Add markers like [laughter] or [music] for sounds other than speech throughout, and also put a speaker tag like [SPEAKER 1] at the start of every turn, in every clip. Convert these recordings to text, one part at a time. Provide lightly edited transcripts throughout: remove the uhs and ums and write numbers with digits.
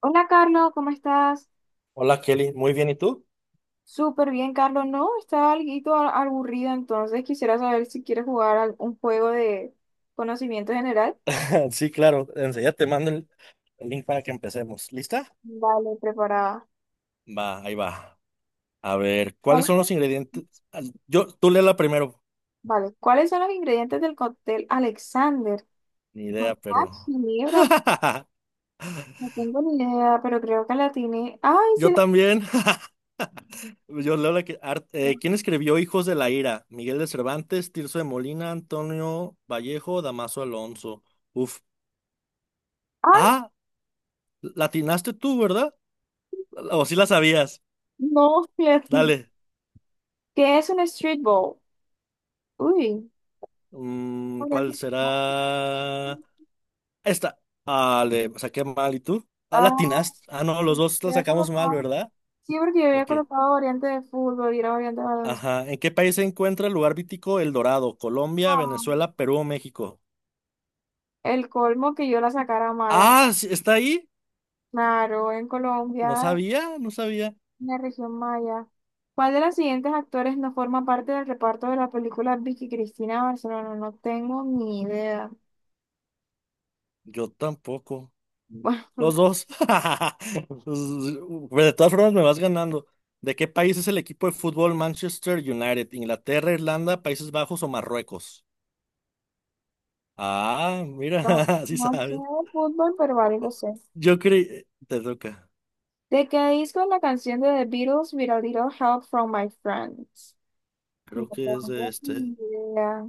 [SPEAKER 1] Hola Carlos, ¿cómo estás?
[SPEAKER 2] Hola Kelly, muy bien, ¿y tú?
[SPEAKER 1] Súper bien, Carlos. No, estaba algo aburrida, entonces quisiera saber si quieres jugar un juego de conocimiento general.
[SPEAKER 2] [laughs] Sí, claro, enseguida te mando el link para que empecemos. ¿Lista?
[SPEAKER 1] Vale, preparada.
[SPEAKER 2] Va, ahí va. A ver, ¿cuáles
[SPEAKER 1] ¿Cuáles
[SPEAKER 2] son los
[SPEAKER 1] son?
[SPEAKER 2] ingredientes? Yo, tú léela primero.
[SPEAKER 1] Vale, ¿cuáles son los ingredientes del cóctel Alexander?
[SPEAKER 2] Ni idea,
[SPEAKER 1] Cognac,
[SPEAKER 2] pero.
[SPEAKER 1] ginebra,
[SPEAKER 2] [laughs]
[SPEAKER 1] no tengo ni idea, pero creo que la atiné. Ay, sí
[SPEAKER 2] Yo
[SPEAKER 1] la atiné.
[SPEAKER 2] también. [laughs] Yo leo la que. ¿Quién escribió Hijos de la Ira? Miguel de Cervantes, Tirso de Molina, Antonio Vallejo, Damaso Alonso. Uf.
[SPEAKER 1] Ay,
[SPEAKER 2] Ah, latinaste tú, ¿verdad? O sí la sabías.
[SPEAKER 1] no, [laughs] sí la atiné.
[SPEAKER 2] Dale.
[SPEAKER 1] ¿Qué es un street ball? Uy.
[SPEAKER 2] ¿Cuál será? Esta. Ah, le saqué mal. ¿Y tú? Ah,
[SPEAKER 1] Ah,
[SPEAKER 2] latinas. Ah, no, los dos la sacamos mal, ¿verdad?
[SPEAKER 1] sí, porque yo había
[SPEAKER 2] Ok.
[SPEAKER 1] colocado variante de fútbol y era variante de baloncesto.
[SPEAKER 2] Ajá. ¿En qué país se encuentra el lugar vítico El Dorado? ¿Colombia,
[SPEAKER 1] Ah,
[SPEAKER 2] Venezuela, Perú o México?
[SPEAKER 1] el colmo que yo la sacara mala.
[SPEAKER 2] Ah, sí, ¿está ahí?
[SPEAKER 1] Claro, en
[SPEAKER 2] No
[SPEAKER 1] Colombia,
[SPEAKER 2] sabía, no sabía.
[SPEAKER 1] en la región maya. ¿Cuál de los siguientes actores no forma parte del reparto de la película Vicky Cristina Barcelona? No tengo ni idea.
[SPEAKER 2] Yo tampoco.
[SPEAKER 1] Bueno,
[SPEAKER 2] Los dos. [laughs] Pues, de todas formas, me vas ganando. ¿De qué país es el equipo de fútbol Manchester United? ¿Inglaterra, Irlanda, Países Bajos o Marruecos? Ah, mira,
[SPEAKER 1] no
[SPEAKER 2] [laughs] sí
[SPEAKER 1] no sé
[SPEAKER 2] sabes.
[SPEAKER 1] de fútbol, pero algo sé.
[SPEAKER 2] Yo creí. Te toca.
[SPEAKER 1] ¿De qué disco es la canción de The Beatles, With a Little Help from My Friends? No
[SPEAKER 2] Creo que es de
[SPEAKER 1] tengo
[SPEAKER 2] este.
[SPEAKER 1] ni idea.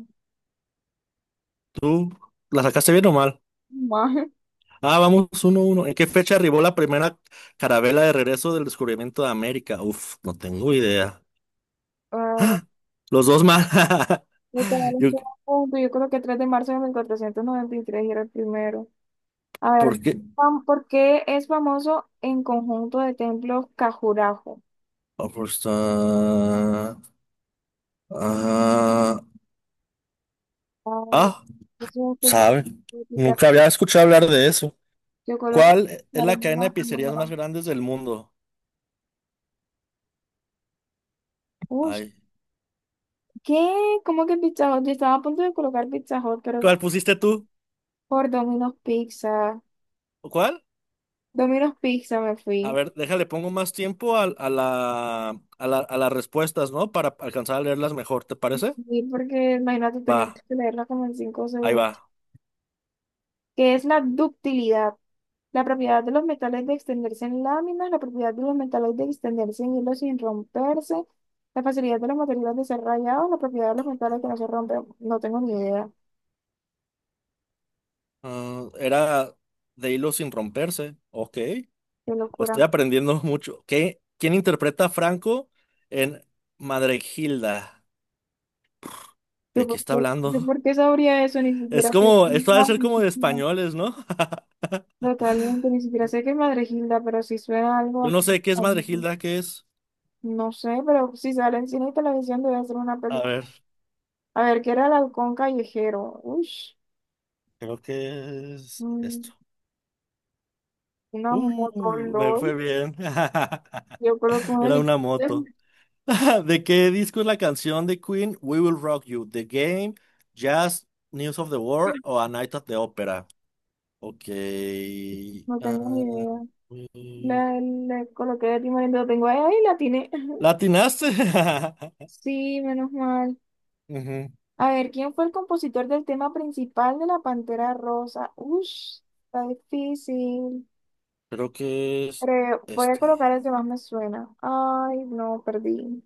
[SPEAKER 2] ¿Tú la sacaste bien o mal?
[SPEAKER 1] [laughs]
[SPEAKER 2] Ah, vamos 1-1. ¿En qué fecha arribó la primera carabela de regreso del descubrimiento de América? Uf, no tengo idea.
[SPEAKER 1] Mal.
[SPEAKER 2] Los dos mal. [laughs]
[SPEAKER 1] Me quedaron
[SPEAKER 2] Yo-
[SPEAKER 1] solo un punto. Yo creo que 3 de marzo de 1493 era el primero. A ver,
[SPEAKER 2] ¿Por qué?
[SPEAKER 1] ¿por qué es famoso en conjunto de templos Cajurajo?
[SPEAKER 2] Ah, pues, ah,
[SPEAKER 1] Ay,
[SPEAKER 2] ah,
[SPEAKER 1] eso es súper
[SPEAKER 2] sabe.
[SPEAKER 1] chiquita.
[SPEAKER 2] Nunca había escuchado hablar de eso.
[SPEAKER 1] Yo creo que
[SPEAKER 2] ¿Cuál es la
[SPEAKER 1] Picharon
[SPEAKER 2] cadena de
[SPEAKER 1] es
[SPEAKER 2] pizzerías más
[SPEAKER 1] primera.
[SPEAKER 2] grandes del mundo?
[SPEAKER 1] Uy,
[SPEAKER 2] Ay.
[SPEAKER 1] ¿qué? ¿Cómo que Pizza Hut? Yo estaba a punto de colocar Pizza Hut, pero
[SPEAKER 2] ¿Cuál pusiste tú?
[SPEAKER 1] por Domino's Pizza.
[SPEAKER 2] ¿Cuál?
[SPEAKER 1] Domino's Pizza me
[SPEAKER 2] A
[SPEAKER 1] fui.
[SPEAKER 2] ver, déjale, pongo más tiempo a las respuestas, ¿no? Para alcanzar a leerlas mejor, ¿te parece?
[SPEAKER 1] Sí, porque, imagínate,
[SPEAKER 2] Va,
[SPEAKER 1] tenía que leerla como en 5
[SPEAKER 2] ahí
[SPEAKER 1] segundos.
[SPEAKER 2] va.
[SPEAKER 1] ¿Qué es la ductilidad? La propiedad de los metales de extenderse en láminas, la propiedad de los metales de extenderse en hilos sin romperse, la facilidad de los materiales de ser rayados, la propiedad de los metales que no se rompen. No tengo ni idea.
[SPEAKER 2] Ah, era de hilo sin romperse. Ok,
[SPEAKER 1] Qué
[SPEAKER 2] pues estoy
[SPEAKER 1] locura.
[SPEAKER 2] aprendiendo [laughs] mucho. ¿Qué? ¿Quién interpreta a Franco en Gilda?
[SPEAKER 1] Yo,
[SPEAKER 2] ¿De qué está
[SPEAKER 1] yo
[SPEAKER 2] hablando?
[SPEAKER 1] por qué
[SPEAKER 2] [laughs]
[SPEAKER 1] sabría eso, ni
[SPEAKER 2] Es
[SPEAKER 1] siquiera sé
[SPEAKER 2] como,
[SPEAKER 1] qué es
[SPEAKER 2] esto ha de
[SPEAKER 1] más,
[SPEAKER 2] ser
[SPEAKER 1] ni
[SPEAKER 2] como de
[SPEAKER 1] siquiera-
[SPEAKER 2] españoles, ¿no? [laughs]
[SPEAKER 1] Totalmente, ni siquiera sé qué es Madregilda, pero sí suena algo
[SPEAKER 2] Yo no
[SPEAKER 1] bastante
[SPEAKER 2] sé qué es
[SPEAKER 1] famoso.
[SPEAKER 2] Gilda, ¿qué es?
[SPEAKER 1] No sé, pero si sale en cine y televisión debe ser una
[SPEAKER 2] A
[SPEAKER 1] película.
[SPEAKER 2] ver,
[SPEAKER 1] A ver, ¿qué era el halcón callejero? Uy,
[SPEAKER 2] creo que es esto.
[SPEAKER 1] una moto,
[SPEAKER 2] Me fue
[SPEAKER 1] LOL.
[SPEAKER 2] bien. [laughs]
[SPEAKER 1] Yo coloco un
[SPEAKER 2] Era una
[SPEAKER 1] helicóptero.
[SPEAKER 2] moto. [laughs] ¿De qué disco es la canción de Queen We Will Rock You? ¿The Game, Jazz, News of the World o A Night at the Opera? Ok.
[SPEAKER 1] No tengo ni
[SPEAKER 2] ah,
[SPEAKER 1] idea.
[SPEAKER 2] eh,
[SPEAKER 1] La coloqué de timón y lo tengo ahí, ahí la tiene. [laughs]
[SPEAKER 2] ¿Latinaste? [laughs]
[SPEAKER 1] Sí, menos mal.
[SPEAKER 2] Ujú,
[SPEAKER 1] A ver, ¿quién fue el compositor del tema principal de La Pantera Rosa? Ush, está difícil.
[SPEAKER 2] creo que es
[SPEAKER 1] Voy a
[SPEAKER 2] este.
[SPEAKER 1] colocar el que más me suena. Ay, no, perdí.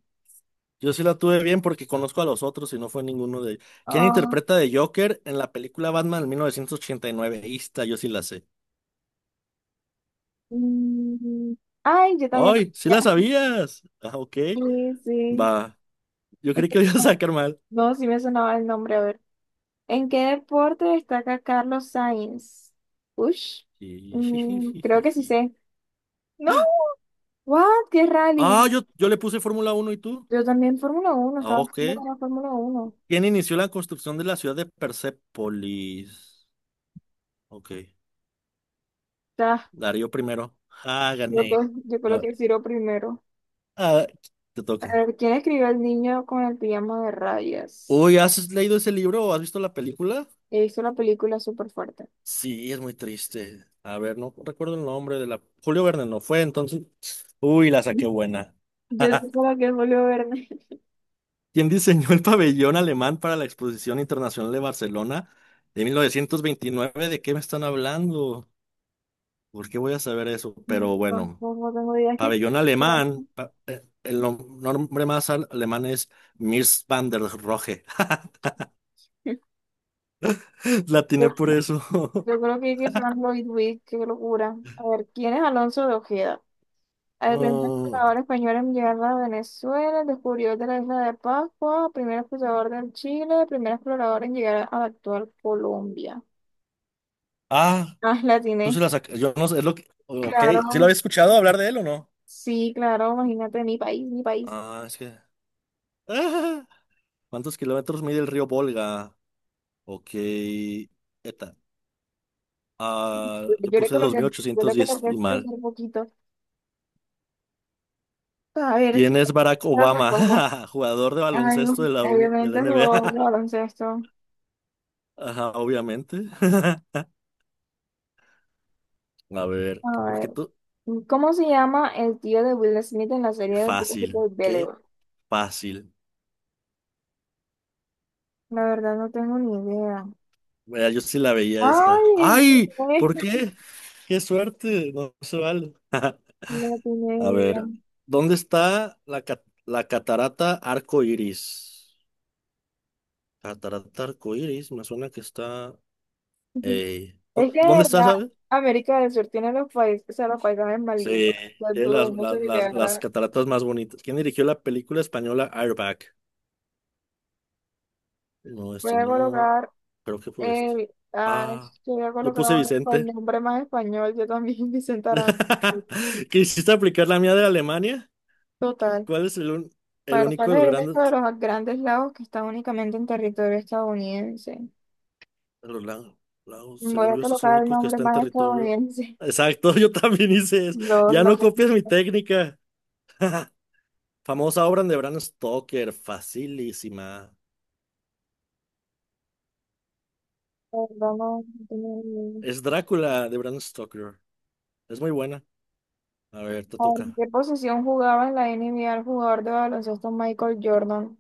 [SPEAKER 2] Yo sí la tuve bien porque conozco a los otros y no fue ninguno de ellos. ¿Quién
[SPEAKER 1] Ah,
[SPEAKER 2] interpreta de Joker en la película Batman del 1989? Ahí está, yo sí la sé.
[SPEAKER 1] mm, ay, yo también.
[SPEAKER 2] ¡Ay! ¡Sí la
[SPEAKER 1] Ya.
[SPEAKER 2] sabías! Ah, ok.
[SPEAKER 1] Sí, sí.
[SPEAKER 2] Va. Yo
[SPEAKER 1] Es
[SPEAKER 2] creí
[SPEAKER 1] que-
[SPEAKER 2] que lo iba a
[SPEAKER 1] como-
[SPEAKER 2] sacar mal.
[SPEAKER 1] No, sí me sonaba el nombre. A ver. ¿En qué deporte destaca Carlos Sainz? Ush. Mm, creo que sí
[SPEAKER 2] Jijijijiji. [laughs]
[SPEAKER 1] sé. No, what? ¿Qué
[SPEAKER 2] Ah,
[SPEAKER 1] rally?
[SPEAKER 2] yo le puse Fórmula 1 y tú.
[SPEAKER 1] Yo también Fórmula 1.
[SPEAKER 2] Ah,
[SPEAKER 1] Estaba
[SPEAKER 2] ok.
[SPEAKER 1] haciendo con la Fórmula 1. O
[SPEAKER 2] ¿Quién inició la construcción de la ciudad de Persépolis? Ok. Darío primero. Ah,
[SPEAKER 1] yo
[SPEAKER 2] gané.
[SPEAKER 1] creo, yo creo
[SPEAKER 2] Ah,
[SPEAKER 1] que Ciro primero.
[SPEAKER 2] ah, te
[SPEAKER 1] A
[SPEAKER 2] toca.
[SPEAKER 1] ver, ¿quién escribió el niño con el pijama de rayas?
[SPEAKER 2] Uy, ¿has leído ese libro o has visto la película?
[SPEAKER 1] He visto la película súper fuerte.
[SPEAKER 2] Sí, es muy triste. A ver, no recuerdo el nombre de la. Julio Verne no fue, entonces. Uy, la saqué buena.
[SPEAKER 1] Yo sé
[SPEAKER 2] [laughs]
[SPEAKER 1] como que es Julio Verne.
[SPEAKER 2] Quien diseñó el pabellón alemán para la Exposición Internacional de Barcelona de 1929. ¿De qué me están hablando? ¿Por qué voy a saber eso?
[SPEAKER 1] [laughs] Yo
[SPEAKER 2] Pero bueno,
[SPEAKER 1] tampoco tengo idea que...
[SPEAKER 2] pabellón
[SPEAKER 1] [laughs]
[SPEAKER 2] alemán, el nombre más alemán es Mies van der Rohe. [laughs] La
[SPEAKER 1] Yo,
[SPEAKER 2] tiene por eso. [laughs]
[SPEAKER 1] yo creo que Frank Lloyd Wright, qué locura. A ver, ¿quién es Alonso de Ojeda? El primer
[SPEAKER 2] Uh,
[SPEAKER 1] explorador español en llegar a Venezuela, el descubridor de la isla de Pascua, primer explorador del Chile, el primer explorador en llegar a la actual Colombia.
[SPEAKER 2] ah,
[SPEAKER 1] Ah, la
[SPEAKER 2] tú sí
[SPEAKER 1] tiene.
[SPEAKER 2] la sac- Yo no sé, es lo que. Ok,
[SPEAKER 1] Claro,
[SPEAKER 2] ¿sí lo había escuchado hablar de él o no?
[SPEAKER 1] sí, claro, imagínate, mi país, mi país.
[SPEAKER 2] Ah, es que. [laughs] Ah, ¿cuántos kilómetros mide el río Volga? Ok. eta- Ah, yo
[SPEAKER 1] Yo le
[SPEAKER 2] puse dos
[SPEAKER 1] coloqué,
[SPEAKER 2] mil
[SPEAKER 1] yo
[SPEAKER 2] ochocientos
[SPEAKER 1] le
[SPEAKER 2] diez y
[SPEAKER 1] coloqué
[SPEAKER 2] mal.
[SPEAKER 1] un poquito. A ver, ¿qué
[SPEAKER 2] ¿Quién es Barack
[SPEAKER 1] tal los
[SPEAKER 2] Obama?
[SPEAKER 1] lobos?
[SPEAKER 2] [laughs] Jugador de
[SPEAKER 1] Ay, no,
[SPEAKER 2] baloncesto de la
[SPEAKER 1] obviamente el jugador de
[SPEAKER 2] NBA.
[SPEAKER 1] baloncesto.
[SPEAKER 2] [laughs] Ajá, obviamente. [laughs] A ver,
[SPEAKER 1] A
[SPEAKER 2] porque
[SPEAKER 1] ver,
[SPEAKER 2] tú.
[SPEAKER 1] ¿cómo se llama el tío de Will Smith en la
[SPEAKER 2] Qué
[SPEAKER 1] serie de Peaky
[SPEAKER 2] fácil, qué
[SPEAKER 1] Blinders?
[SPEAKER 2] fácil.
[SPEAKER 1] La verdad no tengo ni idea.
[SPEAKER 2] Mira, yo sí la veía esa.
[SPEAKER 1] Ay,
[SPEAKER 2] ¡Ay! ¿Por
[SPEAKER 1] [laughs]
[SPEAKER 2] qué? ¡Qué suerte! No se vale. [laughs]
[SPEAKER 1] no tiene
[SPEAKER 2] A ver,
[SPEAKER 1] idea.
[SPEAKER 2] ¿dónde está la catarata Arco Iris? Catarata Arco Iris, me suena que está.
[SPEAKER 1] Ujú. Es que de
[SPEAKER 2] ¿Dónde está,
[SPEAKER 1] verdad,
[SPEAKER 2] sabes?
[SPEAKER 1] América del Sur tiene los países, o sea, los paisajes más
[SPEAKER 2] Sí,
[SPEAKER 1] lindos. O sea,
[SPEAKER 2] tiene
[SPEAKER 1] dudo
[SPEAKER 2] las,
[SPEAKER 1] mucho
[SPEAKER 2] las,
[SPEAKER 1] que
[SPEAKER 2] las, las
[SPEAKER 1] quedara.
[SPEAKER 2] cataratas más bonitas. ¿Quién dirigió la película española Airbag? No,
[SPEAKER 1] Voy
[SPEAKER 2] este
[SPEAKER 1] a
[SPEAKER 2] no.
[SPEAKER 1] colocar
[SPEAKER 2] Creo que fue este.
[SPEAKER 1] el, ay,
[SPEAKER 2] Ah,
[SPEAKER 1] yo voy a
[SPEAKER 2] yo
[SPEAKER 1] colocar
[SPEAKER 2] puse
[SPEAKER 1] el
[SPEAKER 2] Vicente.
[SPEAKER 1] nombre más español, yo también, [laughs] Vicente Aranda.
[SPEAKER 2] [laughs] ¿Quisiste aplicar la mía de Alemania?
[SPEAKER 1] Total.
[SPEAKER 2] ¿Cuál es el
[SPEAKER 1] Para
[SPEAKER 2] único
[SPEAKER 1] cuál
[SPEAKER 2] de los
[SPEAKER 1] es el resto de
[SPEAKER 2] grandes?
[SPEAKER 1] los grandes lagos que están únicamente en territorio estadounidense.
[SPEAKER 2] Los lagos
[SPEAKER 1] Voy
[SPEAKER 2] Según
[SPEAKER 1] a
[SPEAKER 2] yo, este es el
[SPEAKER 1] colocar el
[SPEAKER 2] único que
[SPEAKER 1] nombre
[SPEAKER 2] está en
[SPEAKER 1] más
[SPEAKER 2] territorio.
[SPEAKER 1] estadounidense. [laughs]
[SPEAKER 2] Exacto, [laughs] yo también hice eso.
[SPEAKER 1] No,
[SPEAKER 2] Ya
[SPEAKER 1] no, no,
[SPEAKER 2] no copies mi técnica. [laughs] Famosa obra de Bram Stoker, facilísima.
[SPEAKER 1] no, no, no, no, no, no, no, no, no, no, no, no, no, no, no, no, no,
[SPEAKER 2] Es Drácula de Bram Stoker. Es muy buena. A ver, te
[SPEAKER 1] ¿en
[SPEAKER 2] toca.
[SPEAKER 1] qué posición jugaba en la NBA el jugador de baloncesto Michael Jordan?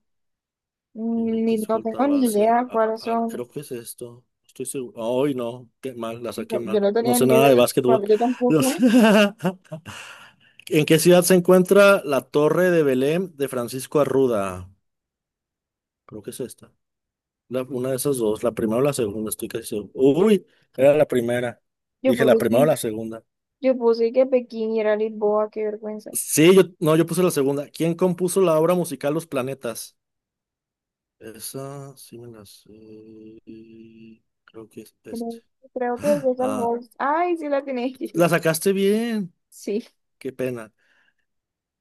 [SPEAKER 1] Mm,
[SPEAKER 2] Pivote,
[SPEAKER 1] ni, no
[SPEAKER 2] escolta,
[SPEAKER 1] tengo ni
[SPEAKER 2] base.
[SPEAKER 1] idea cuáles son.
[SPEAKER 2] Creo que es esto. Estoy seguro. Ay, no. Qué mal, la saqué
[SPEAKER 1] No, yo
[SPEAKER 2] mal.
[SPEAKER 1] no
[SPEAKER 2] No
[SPEAKER 1] tenía
[SPEAKER 2] sé
[SPEAKER 1] ni idea,
[SPEAKER 2] nada de básquetbol.
[SPEAKER 1] bueno, yo
[SPEAKER 2] No
[SPEAKER 1] tampoco.
[SPEAKER 2] sé. [laughs] ¿En qué ciudad se encuentra la Torre de Belém de Francisco Arruda? Creo que es esta. Una de esas dos. La primera o la segunda, estoy casi seguro. Uy, era la primera.
[SPEAKER 1] Yo
[SPEAKER 2] Dije
[SPEAKER 1] puse
[SPEAKER 2] la primera o
[SPEAKER 1] que,
[SPEAKER 2] la segunda.
[SPEAKER 1] yo puse que Pekín y era Lisboa, qué vergüenza.
[SPEAKER 2] Sí, yo, no, yo puse la segunda. ¿Quién compuso la obra musical Los Planetas? Esa sí me la sé. Creo que es este.
[SPEAKER 1] Creo, creo que es el
[SPEAKER 2] Ah,
[SPEAKER 1] Holst. Ay, sí la tiene.
[SPEAKER 2] la
[SPEAKER 1] [laughs]
[SPEAKER 2] sacaste bien.
[SPEAKER 1] Sí.
[SPEAKER 2] Qué pena.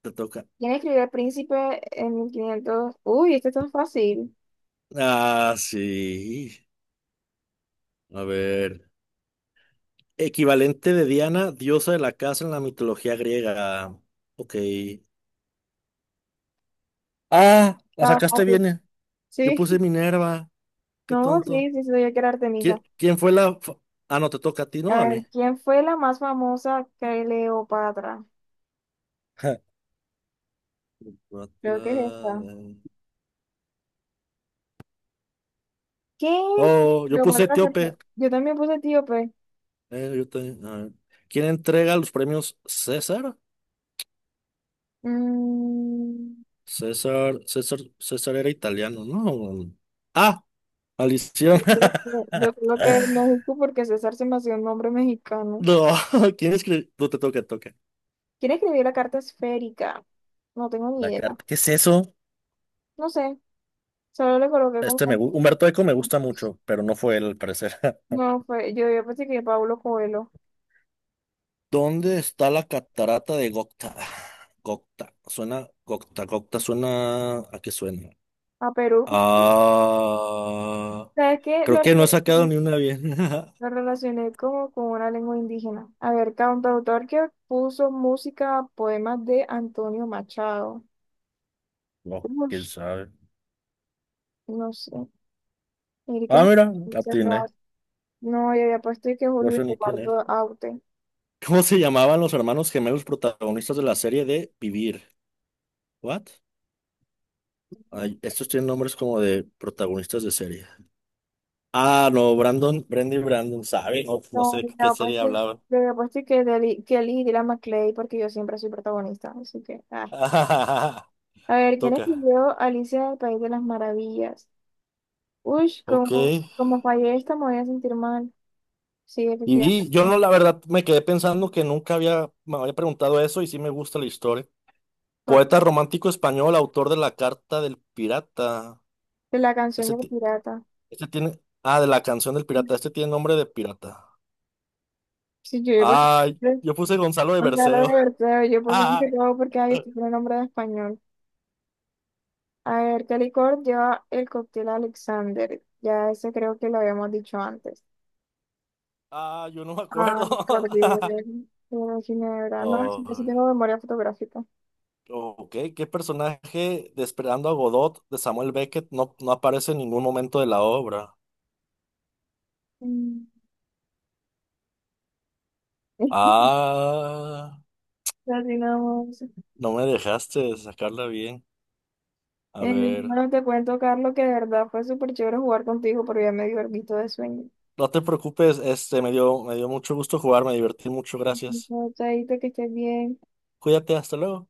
[SPEAKER 2] Te toca.
[SPEAKER 1] ¿Quién escribió El Príncipe en 1500? Uy, este está fácil.
[SPEAKER 2] Ah, sí. A ver. Equivalente de Diana, diosa de la casa en la mitología griega. Ok. Ah, la
[SPEAKER 1] Está
[SPEAKER 2] sacaste
[SPEAKER 1] fácil.
[SPEAKER 2] bien. Yo
[SPEAKER 1] Sí,
[SPEAKER 2] puse Minerva. Qué
[SPEAKER 1] no,
[SPEAKER 2] tonto.
[SPEAKER 1] sí, sí, sabía que era Artemisa.
[SPEAKER 2] ¿Quién fue la... Ah, no, te toca a ti,
[SPEAKER 1] A
[SPEAKER 2] ¿no? A
[SPEAKER 1] ver,
[SPEAKER 2] mí.
[SPEAKER 1] ¿quién fue la más famosa Cleopatra?
[SPEAKER 2] Ja.
[SPEAKER 1] Creo que es
[SPEAKER 2] Otra,
[SPEAKER 1] esta.
[SPEAKER 2] eh.
[SPEAKER 1] ¿Qué?
[SPEAKER 2] Oh, yo
[SPEAKER 1] Lo
[SPEAKER 2] puse
[SPEAKER 1] mandaste
[SPEAKER 2] Etíope.
[SPEAKER 1] por- Yo también puse etíope.
[SPEAKER 2] Eh, yo te- a ver. ¿Quién entrega los premios César?
[SPEAKER 1] Mm,
[SPEAKER 2] César, César, César era italiano, ¿no? Ah, Alicia.
[SPEAKER 1] yo creo yo creo que es
[SPEAKER 2] [laughs]
[SPEAKER 1] lógico porque César se me hacía un nombre mexicano.
[SPEAKER 2] No, [laughs] ¿quién escribió? No te toca, te toca.
[SPEAKER 1] ¿Quién escribió la carta esférica? No tengo ni
[SPEAKER 2] La
[SPEAKER 1] idea.
[SPEAKER 2] carta. ¿Qué es eso?
[SPEAKER 1] No sé, solo le coloqué como...
[SPEAKER 2] Este Humberto Eco me gusta mucho, pero no fue él, al parecer. [laughs]
[SPEAKER 1] No, fue, yo pensé que Pablo Coelho
[SPEAKER 2] ¿Dónde está la catarata de Gocta? Gocta. Suena, Gocta, Gocta suena. ¿A qué suena?
[SPEAKER 1] a Perú.
[SPEAKER 2] Ah,
[SPEAKER 1] ¿Sabes qué?
[SPEAKER 2] creo
[SPEAKER 1] Lo
[SPEAKER 2] que no he sacado
[SPEAKER 1] relacioné,
[SPEAKER 2] ni una bien. [laughs]
[SPEAKER 1] lo relacioné como con una lengua indígena. A ver, cantautor que puso música a poemas de Antonio Machado.
[SPEAKER 2] No, quién
[SPEAKER 1] Ush,
[SPEAKER 2] sabe.
[SPEAKER 1] no sé. Mire que
[SPEAKER 2] Ah,
[SPEAKER 1] Juan
[SPEAKER 2] mira,
[SPEAKER 1] cerrado.
[SPEAKER 2] atiné.
[SPEAKER 1] No, yo había puesto y que
[SPEAKER 2] No
[SPEAKER 1] Julio
[SPEAKER 2] sé ni quién es.
[SPEAKER 1] Eduardo Aute.
[SPEAKER 2] ¿Cómo se llamaban los hermanos gemelos protagonistas de la serie de Vivir? ¿What? Ay, estos tienen nombres como de protagonistas de serie. Ah, no, Brandon, Brenda y Brandon, ¿sabe? No, no
[SPEAKER 1] No,
[SPEAKER 2] sé de
[SPEAKER 1] yo
[SPEAKER 2] qué
[SPEAKER 1] había
[SPEAKER 2] serie
[SPEAKER 1] puesto,
[SPEAKER 2] hablaban.
[SPEAKER 1] yo había puesto y que Kelly y Dylan McLean, porque yo siempre soy protagonista. Así que, ah.
[SPEAKER 2] [laughs]
[SPEAKER 1] A ver, ¿quién
[SPEAKER 2] Toca.
[SPEAKER 1] escribió Alicia del País de las Maravillas? Uy,
[SPEAKER 2] Ok.
[SPEAKER 1] como fallé esta, me voy a sentir mal. Sí, efectivamente.
[SPEAKER 2] Y yo no, la verdad, me quedé pensando que nunca había, me había preguntado eso y sí me gusta la historia. Poeta romántico español, autor de La Carta del Pirata.
[SPEAKER 1] De la canción
[SPEAKER 2] Este,
[SPEAKER 1] del
[SPEAKER 2] ti-
[SPEAKER 1] pirata.
[SPEAKER 2] este tiene, ah, de la canción del pirata. Este tiene nombre de pirata.
[SPEAKER 1] Sí, yo, por
[SPEAKER 2] Ay,
[SPEAKER 1] ejemplo,
[SPEAKER 2] yo puse Gonzalo de
[SPEAKER 1] o sea, lo de
[SPEAKER 2] Berceo.
[SPEAKER 1] verdad, yo puse un
[SPEAKER 2] Ah,
[SPEAKER 1] pecado porque ahí estoy con un nombre de español. A ver, ¿qué licor lleva el cóctel Alexander? Ya ese creo que lo habíamos dicho antes.
[SPEAKER 2] ah, yo no me
[SPEAKER 1] Ah,
[SPEAKER 2] acuerdo.
[SPEAKER 1] por Dios,
[SPEAKER 2] [laughs]
[SPEAKER 1] una ginebra. No, sí, yo sí
[SPEAKER 2] Oh,
[SPEAKER 1] tengo memoria fotográfica.
[SPEAKER 2] ok, ¿qué personaje de Esperando a Godot de Samuel Beckett no, no aparece en ningún momento de la obra?
[SPEAKER 1] Mm, [laughs]
[SPEAKER 2] Ah,
[SPEAKER 1] así nada más.
[SPEAKER 2] no me dejaste sacarla bien. A ver,
[SPEAKER 1] Bueno, te cuento, Carlos, que de verdad fue súper chévere jugar contigo, pero ya me dio el visto de sueño.
[SPEAKER 2] no te preocupes, este me dio, mucho gusto jugar, me divertí mucho, gracias.
[SPEAKER 1] No, Chaito, que estés bien.
[SPEAKER 2] Cuídate, hasta luego.